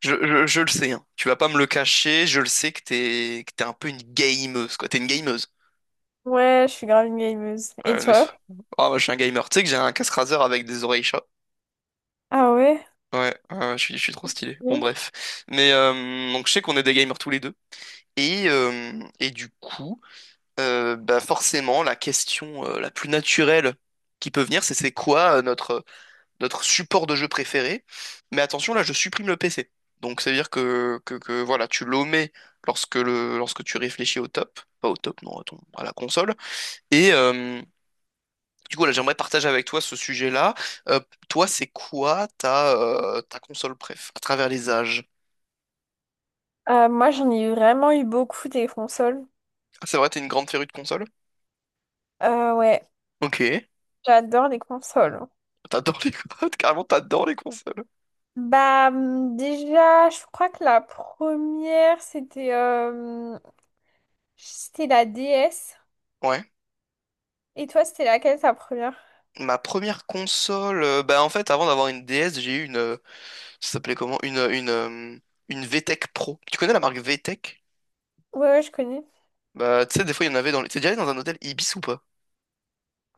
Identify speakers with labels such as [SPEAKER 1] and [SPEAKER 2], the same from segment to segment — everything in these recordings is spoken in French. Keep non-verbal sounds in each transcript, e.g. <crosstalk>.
[SPEAKER 1] Je le sais, hein. Tu vas pas me le cacher, je le sais que t'es un peu une gameuse, quoi. T'es une gameuse.
[SPEAKER 2] Ouais, je suis grave une gameuse. Et
[SPEAKER 1] Ouais,
[SPEAKER 2] toi?
[SPEAKER 1] Ah, moi, je suis un gamer. Tu sais que j'ai un casse raser avec des oreilles chat.
[SPEAKER 2] Ah ouais?
[SPEAKER 1] Ouais, ouais, je suis trop stylé. Bon,
[SPEAKER 2] Oui.
[SPEAKER 1] bref. Mais donc, je sais qu'on est des gamers tous les deux. Et du coup, bah forcément, la question la plus naturelle qui peut venir, c'est quoi notre support de jeu préféré. Mais attention, là, je supprime le PC. Donc, ça veut dire que, voilà, tu l'omets lorsque tu réfléchis au top, pas au top, non, à la console. Et du coup, là, j'aimerais partager avec toi ce sujet-là. Euh, Toi, c'est quoi ta console préf, à travers les âges?
[SPEAKER 2] Moi, j'en ai vraiment eu beaucoup des consoles.
[SPEAKER 1] Ah, c'est vrai, t'es une grande férue de console?
[SPEAKER 2] Ouais,
[SPEAKER 1] Ok.
[SPEAKER 2] j'adore les consoles.
[SPEAKER 1] T'adores <laughs> Carrément, t'adores les consoles.
[SPEAKER 2] Bah, déjà, je crois que la première, c'était la DS.
[SPEAKER 1] Ouais.
[SPEAKER 2] Et toi, c'était laquelle, ta première?
[SPEAKER 1] Ma première console, bah en fait, avant d'avoir une DS, j'ai eu une, ça s'appelait comment? Une VTech Pro. Tu connais la marque VTech?
[SPEAKER 2] Ouais, ouais, je connais.
[SPEAKER 1] Bah, tu sais, des fois, il y en avait T'es déjà allé dans un hôtel Ibis ou pas?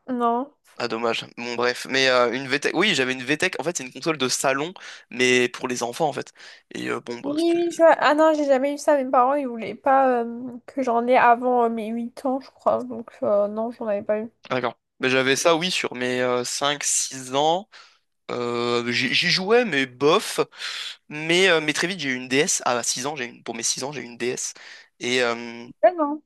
[SPEAKER 2] Non.
[SPEAKER 1] Ah, dommage. Bon, bref. Oui, j'avais une VTech. En fait, c'est une console de salon, mais pour les enfants, en fait. Et bon, bah,
[SPEAKER 2] Oui,
[SPEAKER 1] c'était.
[SPEAKER 2] oui, je vois. Ah non, j'ai jamais eu ça. Mes parents, ils voulaient pas que j'en ai avant mes 8 ans, je crois. Donc, non, j'en avais pas eu.
[SPEAKER 1] D'accord. Mais j'avais ça, oui, sur mes cinq six ans. J'y jouais, mais bof. Mais très vite, j'ai eu une DS. À 6 ans, pour mes 6 ans, j'ai eu une DS. Et, euh,
[SPEAKER 2] Ah non.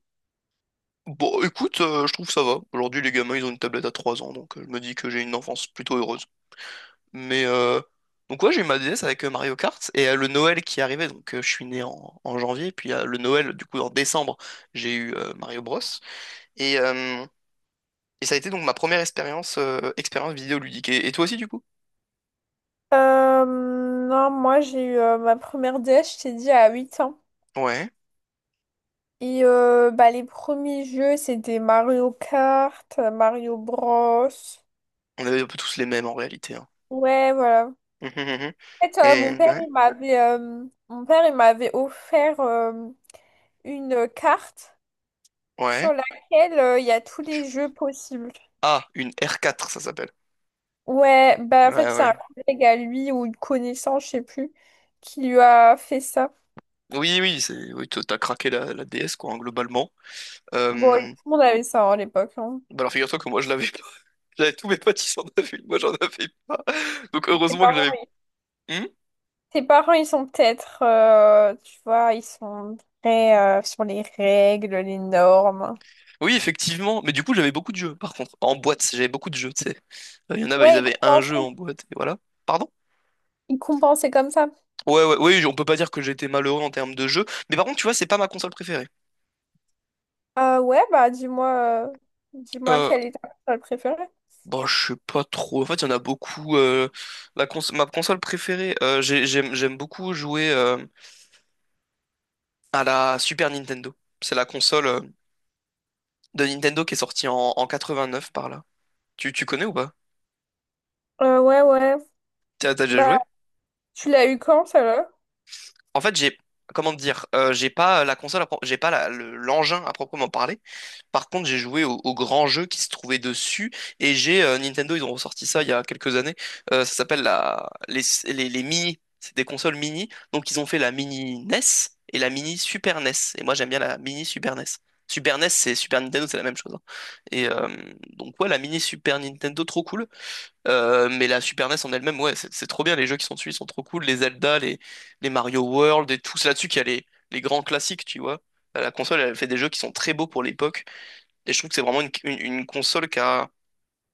[SPEAKER 1] Bon, écoute, je trouve que ça va. Aujourd'hui, les gamins, ils ont une tablette à 3 ans, donc je me dis que j'ai une enfance plutôt heureuse. Mais donc ouais, j'ai eu ma DS avec Mario Kart et le Noël qui arrivait, donc je suis né en janvier, puis le Noël, du coup, en décembre, j'ai eu Mario Bros. Et, euh, et ça a été donc ma première expérience vidéoludique. Et toi aussi, du coup?
[SPEAKER 2] Non, moi j'ai eu ma première DS, je t'ai dit, à 8 ans.
[SPEAKER 1] Ouais.
[SPEAKER 2] Bah, les premiers jeux, c'était Mario Kart, Mario Bros.
[SPEAKER 1] On avait un peu tous les mêmes en réalité, hein.
[SPEAKER 2] Ouais, voilà.
[SPEAKER 1] Mhm, mhm.
[SPEAKER 2] En fait,
[SPEAKER 1] Et ouais.
[SPEAKER 2] mon père, il m'avait offert une carte sur
[SPEAKER 1] Ouais.
[SPEAKER 2] laquelle il y a tous les jeux possibles.
[SPEAKER 1] Ah, une R4, ça s'appelle.
[SPEAKER 2] Ouais, bah
[SPEAKER 1] Ouais,
[SPEAKER 2] en fait, c'est
[SPEAKER 1] ouais.
[SPEAKER 2] un collègue à lui ou une connaissance, je sais plus, qui lui a fait ça.
[SPEAKER 1] Oui, oui, c'est, oui, t'as craqué la DS, quoi, hein, globalement.
[SPEAKER 2] Bon, et
[SPEAKER 1] Euh,
[SPEAKER 2] tout le monde avait ça, hein, à l'époque. Hein.
[SPEAKER 1] Bah alors figure-toi que moi je l'avais pas. <laughs> J'avais tous mes potes qui en avaient une, moi j'en avais pas. Donc
[SPEAKER 2] Ses
[SPEAKER 1] heureusement que
[SPEAKER 2] parents
[SPEAKER 1] j'avais. Hmm,
[SPEAKER 2] Tes parents, ils sont peut-être, tu vois, ils sont très sur les règles, les normes.
[SPEAKER 1] oui, effectivement. Mais du coup j'avais beaucoup de jeux par contre. En boîte, j'avais beaucoup de jeux, tu sais. Il y en a, bah, ils
[SPEAKER 2] Ouais, ils
[SPEAKER 1] avaient un jeu en
[SPEAKER 2] compensaient,
[SPEAKER 1] boîte, et voilà. Pardon?
[SPEAKER 2] ils compensaient comme ça.
[SPEAKER 1] Ouais, ouais, oui, on peut pas dire que j'étais malheureux en termes de jeux. Mais par contre, tu vois, c'est pas ma console préférée.
[SPEAKER 2] Ouais, bah euh, dis-moi
[SPEAKER 1] Euh,
[SPEAKER 2] quelle est ta personne préférée.
[SPEAKER 1] bon, je sais pas trop. En fait, il y en a beaucoup. Ma console préférée, j'aime beaucoup jouer à la Super Nintendo. C'est la console de Nintendo qui est sortie en 89 par là. Tu connais ou pas?
[SPEAKER 2] Ouais, ouais.
[SPEAKER 1] T'as déjà
[SPEAKER 2] Bah,
[SPEAKER 1] joué?
[SPEAKER 2] tu l'as eu quand, ça là?
[SPEAKER 1] En fait, comment dire, j'ai pas la console, j'ai pas l'engin à proprement parler. Par contre, j'ai joué au grand jeu qui se trouvait dessus et j'ai Nintendo, ils ont ressorti ça il y a quelques années. Ça s'appelle les mini. C'est des consoles mini. Donc, ils ont fait la mini NES et la mini Super NES. Et moi, j'aime bien la mini Super NES. Super NES, c'est Super Nintendo, c'est la même chose, hein. Et euh, donc, ouais, la mini Super Nintendo, trop cool. Mais la Super NES en elle-même, ouais, c'est trop bien. Les jeux qui sont dessus, ils sont trop cool. Les Zelda, les Mario World et tout. C'est là-dessus qu'il y a les grands classiques, tu vois. Bah, la console, elle fait des jeux qui sont très beaux pour l'époque. Et je trouve que c'est vraiment une console qui a,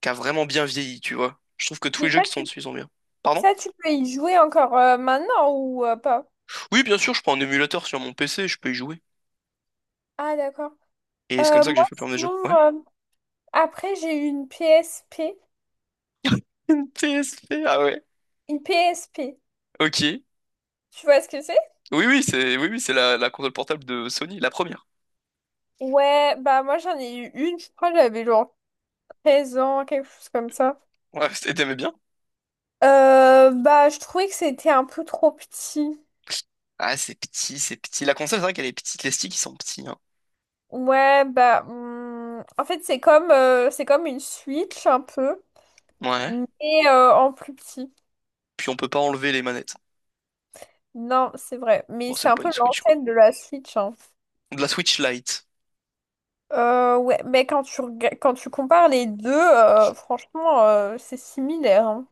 [SPEAKER 1] qui a vraiment bien vieilli, tu vois. Je trouve que tous
[SPEAKER 2] Mais
[SPEAKER 1] les
[SPEAKER 2] ça,
[SPEAKER 1] jeux qui sont
[SPEAKER 2] tu,
[SPEAKER 1] dessus, ils sont bien. Pardon?
[SPEAKER 2] Ça, tu peux y jouer encore maintenant ou pas?
[SPEAKER 1] Oui, bien sûr, je prends un émulateur sur mon PC, je peux y jouer.
[SPEAKER 2] Ah, d'accord.
[SPEAKER 1] Et c'est comme ça que j'ai
[SPEAKER 2] Moi,
[SPEAKER 1] fait plein de jeux.
[SPEAKER 2] sinon,
[SPEAKER 1] Ouais.
[SPEAKER 2] après, j'ai eu une PSP.
[SPEAKER 1] <laughs> Une PSP, ah ouais.
[SPEAKER 2] Une PSP.
[SPEAKER 1] Ok.
[SPEAKER 2] Tu vois ce que c'est?
[SPEAKER 1] Oui, oui, c'est, oui, oui, c'est la console portable de Sony, la première.
[SPEAKER 2] Ouais, bah moi, j'en ai eu une, je crois, j'avais genre 13 ans, quelque chose comme ça.
[SPEAKER 1] Ouais, <laughs> t'aimais bien?
[SPEAKER 2] Bah, je trouvais que c'était un peu trop petit.
[SPEAKER 1] Ah, c'est petit, c'est petit. La console, c'est vrai qu'elle est petite, les sticks, ils sont petits, hein.
[SPEAKER 2] Ouais, bah, en fait, c'est comme une Switch un peu,
[SPEAKER 1] Ouais.
[SPEAKER 2] mais en plus petit.
[SPEAKER 1] Puis on peut pas enlever les manettes.
[SPEAKER 2] Non, c'est vrai, mais
[SPEAKER 1] Bon,
[SPEAKER 2] c'est
[SPEAKER 1] c'est
[SPEAKER 2] un
[SPEAKER 1] pas une
[SPEAKER 2] peu
[SPEAKER 1] Switch, quoi.
[SPEAKER 2] l'ancêtre de la Switch, hein.
[SPEAKER 1] De la Switch Lite.
[SPEAKER 2] Ouais, mais quand tu compares les deux, franchement, c'est similaire, hein.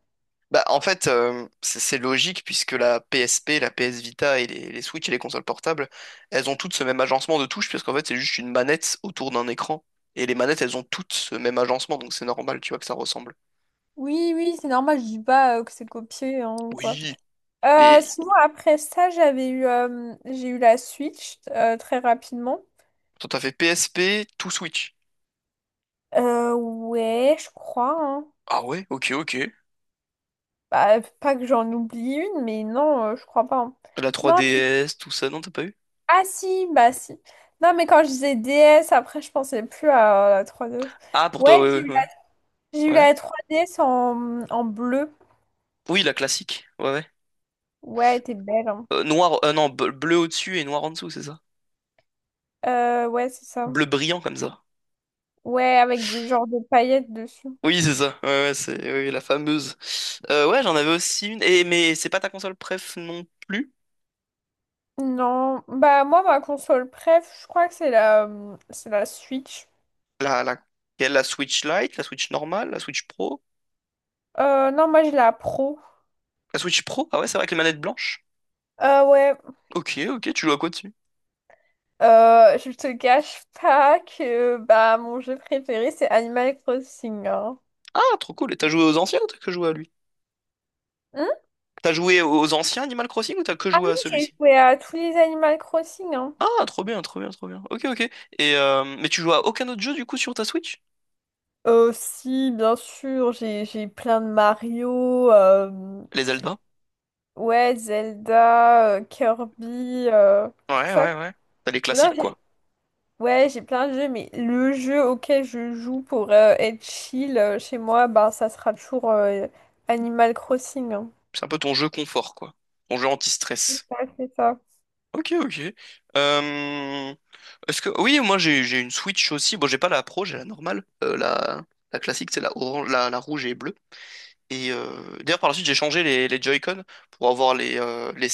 [SPEAKER 1] Bah, en fait, c'est logique puisque la PSP, la PS Vita et les Switch et les consoles portables, elles ont toutes ce même agencement de touches puisqu'en fait, c'est juste une manette autour d'un écran. Et les manettes, elles ont toutes ce même agencement, donc c'est normal, tu vois, que ça ressemble.
[SPEAKER 2] Oui, oui, c'est normal, je dis pas que c'est copié, hein, ou quoi.
[SPEAKER 1] Oui. Et
[SPEAKER 2] Sinon, après ça, j'ai eu la Switch très rapidement.
[SPEAKER 1] toi, t'as fait PSP, tout Switch.
[SPEAKER 2] Ouais, je crois, hein.
[SPEAKER 1] Ah ouais, ok, ok.
[SPEAKER 2] Bah, pas que j'en oublie une, mais non, je crois pas, hein.
[SPEAKER 1] La
[SPEAKER 2] Non,
[SPEAKER 1] 3DS, tout ça, non, t'as pas eu?
[SPEAKER 2] ah si, bah si. Non, mais quand je disais DS, après, je pensais plus à la 3DS.
[SPEAKER 1] Ah, pour toi,
[SPEAKER 2] Ouais, j'ai
[SPEAKER 1] ouais, ouais,
[SPEAKER 2] eu la,
[SPEAKER 1] ouais.
[SPEAKER 2] j'ai eu
[SPEAKER 1] Ouais.
[SPEAKER 2] la 3DS en bleu.
[SPEAKER 1] Oui, la classique. Ouais, ouais.
[SPEAKER 2] Ouais, elle était belle, hein.
[SPEAKER 1] Noir, non, bleu bleu au-dessus et noir en dessous, c'est ça?
[SPEAKER 2] Ouais, c'est ça.
[SPEAKER 1] Bleu brillant comme ça.
[SPEAKER 2] Ouais, avec des genres de paillettes dessus.
[SPEAKER 1] Oui, c'est ça. Ouais, ouais, c'est oui, la fameuse. Ouais, j'en avais aussi une. Et, mais c'est pas ta console préf non plus?
[SPEAKER 2] Non, bah moi, ma console préf, je crois que c'est la Switch.
[SPEAKER 1] La, quelle, la Switch Lite, la Switch normale, la Switch Pro?
[SPEAKER 2] Non, moi, j'ai la Pro.
[SPEAKER 1] La Switch Pro? Ah ouais, c'est vrai avec les manettes blanches.
[SPEAKER 2] Ouais.
[SPEAKER 1] Ok, ok, tu joues à quoi dessus?
[SPEAKER 2] Je te cache pas que bah mon jeu préféré c'est Animal Crossing, hein.
[SPEAKER 1] Ah, trop cool. Et t'as joué aux anciens ou t'as que joué à lui?
[SPEAKER 2] Hmm.
[SPEAKER 1] T'as joué aux anciens Animal Crossing ou t'as que joué à
[SPEAKER 2] J'ai
[SPEAKER 1] celui-ci?
[SPEAKER 2] joué à tous les Animal Crossing, hein.
[SPEAKER 1] Ah, trop bien, trop bien, trop bien. Ok, ok. Et mais tu joues à aucun autre jeu du coup sur ta Switch?
[SPEAKER 2] Si, bien sûr, j'ai plein de Mario,
[SPEAKER 1] Les Zelda?
[SPEAKER 2] ouais, Zelda, Kirby, tout
[SPEAKER 1] Ouais,
[SPEAKER 2] ça.
[SPEAKER 1] ouais, ouais. T'as les
[SPEAKER 2] Non,
[SPEAKER 1] classiques,
[SPEAKER 2] j'ai-
[SPEAKER 1] quoi.
[SPEAKER 2] Ouais, j'ai plein de jeux, mais le jeu auquel je joue pour être chill chez moi, bah ça sera toujours Animal Crossing, hein.
[SPEAKER 1] C'est un peu ton jeu confort, quoi. Ton jeu
[SPEAKER 2] C'est
[SPEAKER 1] anti-stress.
[SPEAKER 2] ça, c'est ça.
[SPEAKER 1] Ok, ok. Euh, Oui, moi, j'ai une Switch aussi. Bon, j'ai pas la Pro, j'ai la normale. La classique, c'est la orange, la rouge et bleue. Et d'ailleurs, par la suite, j'ai changé les Joy-Con pour avoir les, euh, les...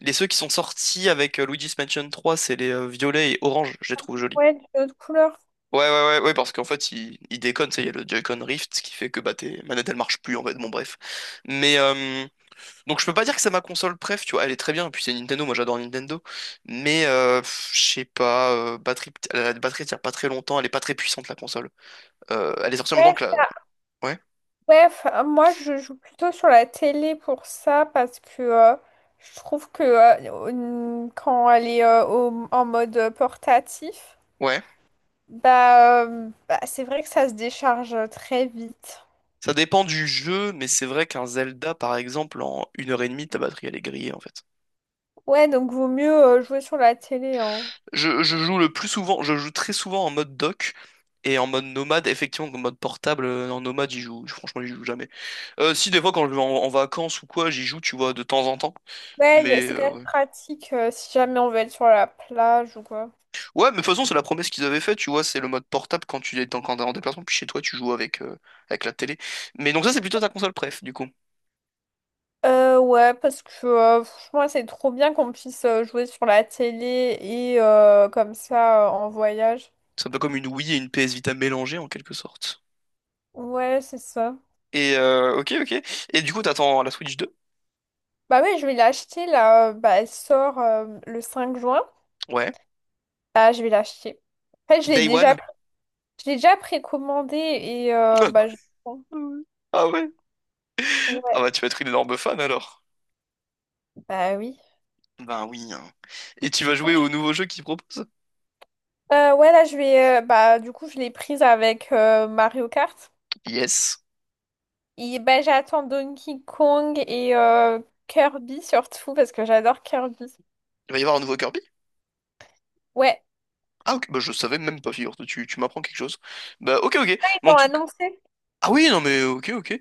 [SPEAKER 1] les ceux qui sont sortis avec Luigi's Mansion 3, c'est les violets et orange. Je les trouve jolis.
[SPEAKER 2] Ouais, de notre couleur.
[SPEAKER 1] Ouais, ouais, ouais, ouais, parce qu'en fait, il déconne, tu sais, il y a le Joy-Con Rift, ce qui fait que bah, tes manettes, elles marchent plus, en fait, bon, bref. Mais, euh, Donc je peux pas dire que c'est ma console préf, tu vois, elle est très bien, et puis c'est Nintendo, moi j'adore Nintendo, mais pff, je sais pas, la batterie tient pas très longtemps, elle est pas très puissante la console. Elle est sortie en même temps que la. Ouais,
[SPEAKER 2] Ouais, enfin, moi je joue plutôt sur la télé pour ça parce que je trouve que quand elle est en mode portatif,
[SPEAKER 1] ouais.
[SPEAKER 2] bah, c'est vrai que ça se décharge très vite.
[SPEAKER 1] Ça dépend du jeu, mais c'est vrai qu'un Zelda, par exemple, en une heure et demie, ta batterie elle est grillée en fait.
[SPEAKER 2] Ouais, donc vaut mieux jouer sur la télé, hein.
[SPEAKER 1] Je joue très souvent en mode dock, et en mode nomade, effectivement, en mode portable, en nomade, j'y joue, franchement j'y joue jamais. Si, des fois quand je vais en vacances ou quoi, j'y joue, tu vois, de temps en temps,
[SPEAKER 2] Ouais,
[SPEAKER 1] mais
[SPEAKER 2] c'est quand même
[SPEAKER 1] ouais.
[SPEAKER 2] pratique si jamais on veut être sur la plage ou quoi.
[SPEAKER 1] Ouais, mais de toute façon, c'est la promesse qu'ils avaient faite, tu vois, c'est le mode portable quand t'es en déplacement, puis chez toi, tu joues avec, avec la télé. Mais donc ça, c'est plutôt ta console préf, du coup.
[SPEAKER 2] Ouais, parce que franchement, c'est trop bien qu'on puisse jouer sur la télé et comme ça en voyage.
[SPEAKER 1] C'est un peu comme une Wii et une PS Vita mélangées, en quelque sorte.
[SPEAKER 2] Ouais, c'est ça.
[SPEAKER 1] Ok, ok. Et du coup, t'attends la Switch 2?
[SPEAKER 2] Bah ouais, je vais l'acheter là. Bah, elle sort le 5 juin.
[SPEAKER 1] Ouais.
[SPEAKER 2] Bah, je vais l'acheter. En fait, je l'ai
[SPEAKER 1] Day
[SPEAKER 2] déjà,
[SPEAKER 1] One?
[SPEAKER 2] je l'ai déjà précommandé bah, je...
[SPEAKER 1] <laughs> Ah ouais? Ah
[SPEAKER 2] Ouais.
[SPEAKER 1] bah, tu vas être une énorme fan, alors.
[SPEAKER 2] Bah oui.
[SPEAKER 1] Ben oui, hein. Et tu vas jouer au nouveau jeu qu'ils proposent?
[SPEAKER 2] Ouais, là, du coup, je l'ai prise avec Mario Kart.
[SPEAKER 1] Yes.
[SPEAKER 2] Et bah, j'attends Donkey Kong Kirby surtout parce que j'adore Kirby.
[SPEAKER 1] Il va y avoir un nouveau Kirby?
[SPEAKER 2] Ouais.
[SPEAKER 1] Ah ok, bah je savais même pas, figure, tu m'apprends quelque chose. Bah ok, ok.
[SPEAKER 2] Là,
[SPEAKER 1] Mais
[SPEAKER 2] ils
[SPEAKER 1] en
[SPEAKER 2] l'ont
[SPEAKER 1] tout
[SPEAKER 2] annoncé.
[SPEAKER 1] Ah oui, non mais ok, ok.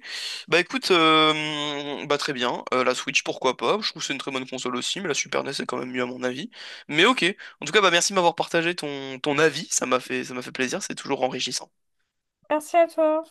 [SPEAKER 1] Bah écoute, bah très bien. La Switch, pourquoi pas. Je trouve que c'est une très bonne console aussi, mais la Super NES est quand même mieux à mon avis. Mais ok. En tout cas, bah merci de m'avoir partagé ton avis. Ça m'a fait plaisir. C'est toujours enrichissant.
[SPEAKER 2] Merci à toi.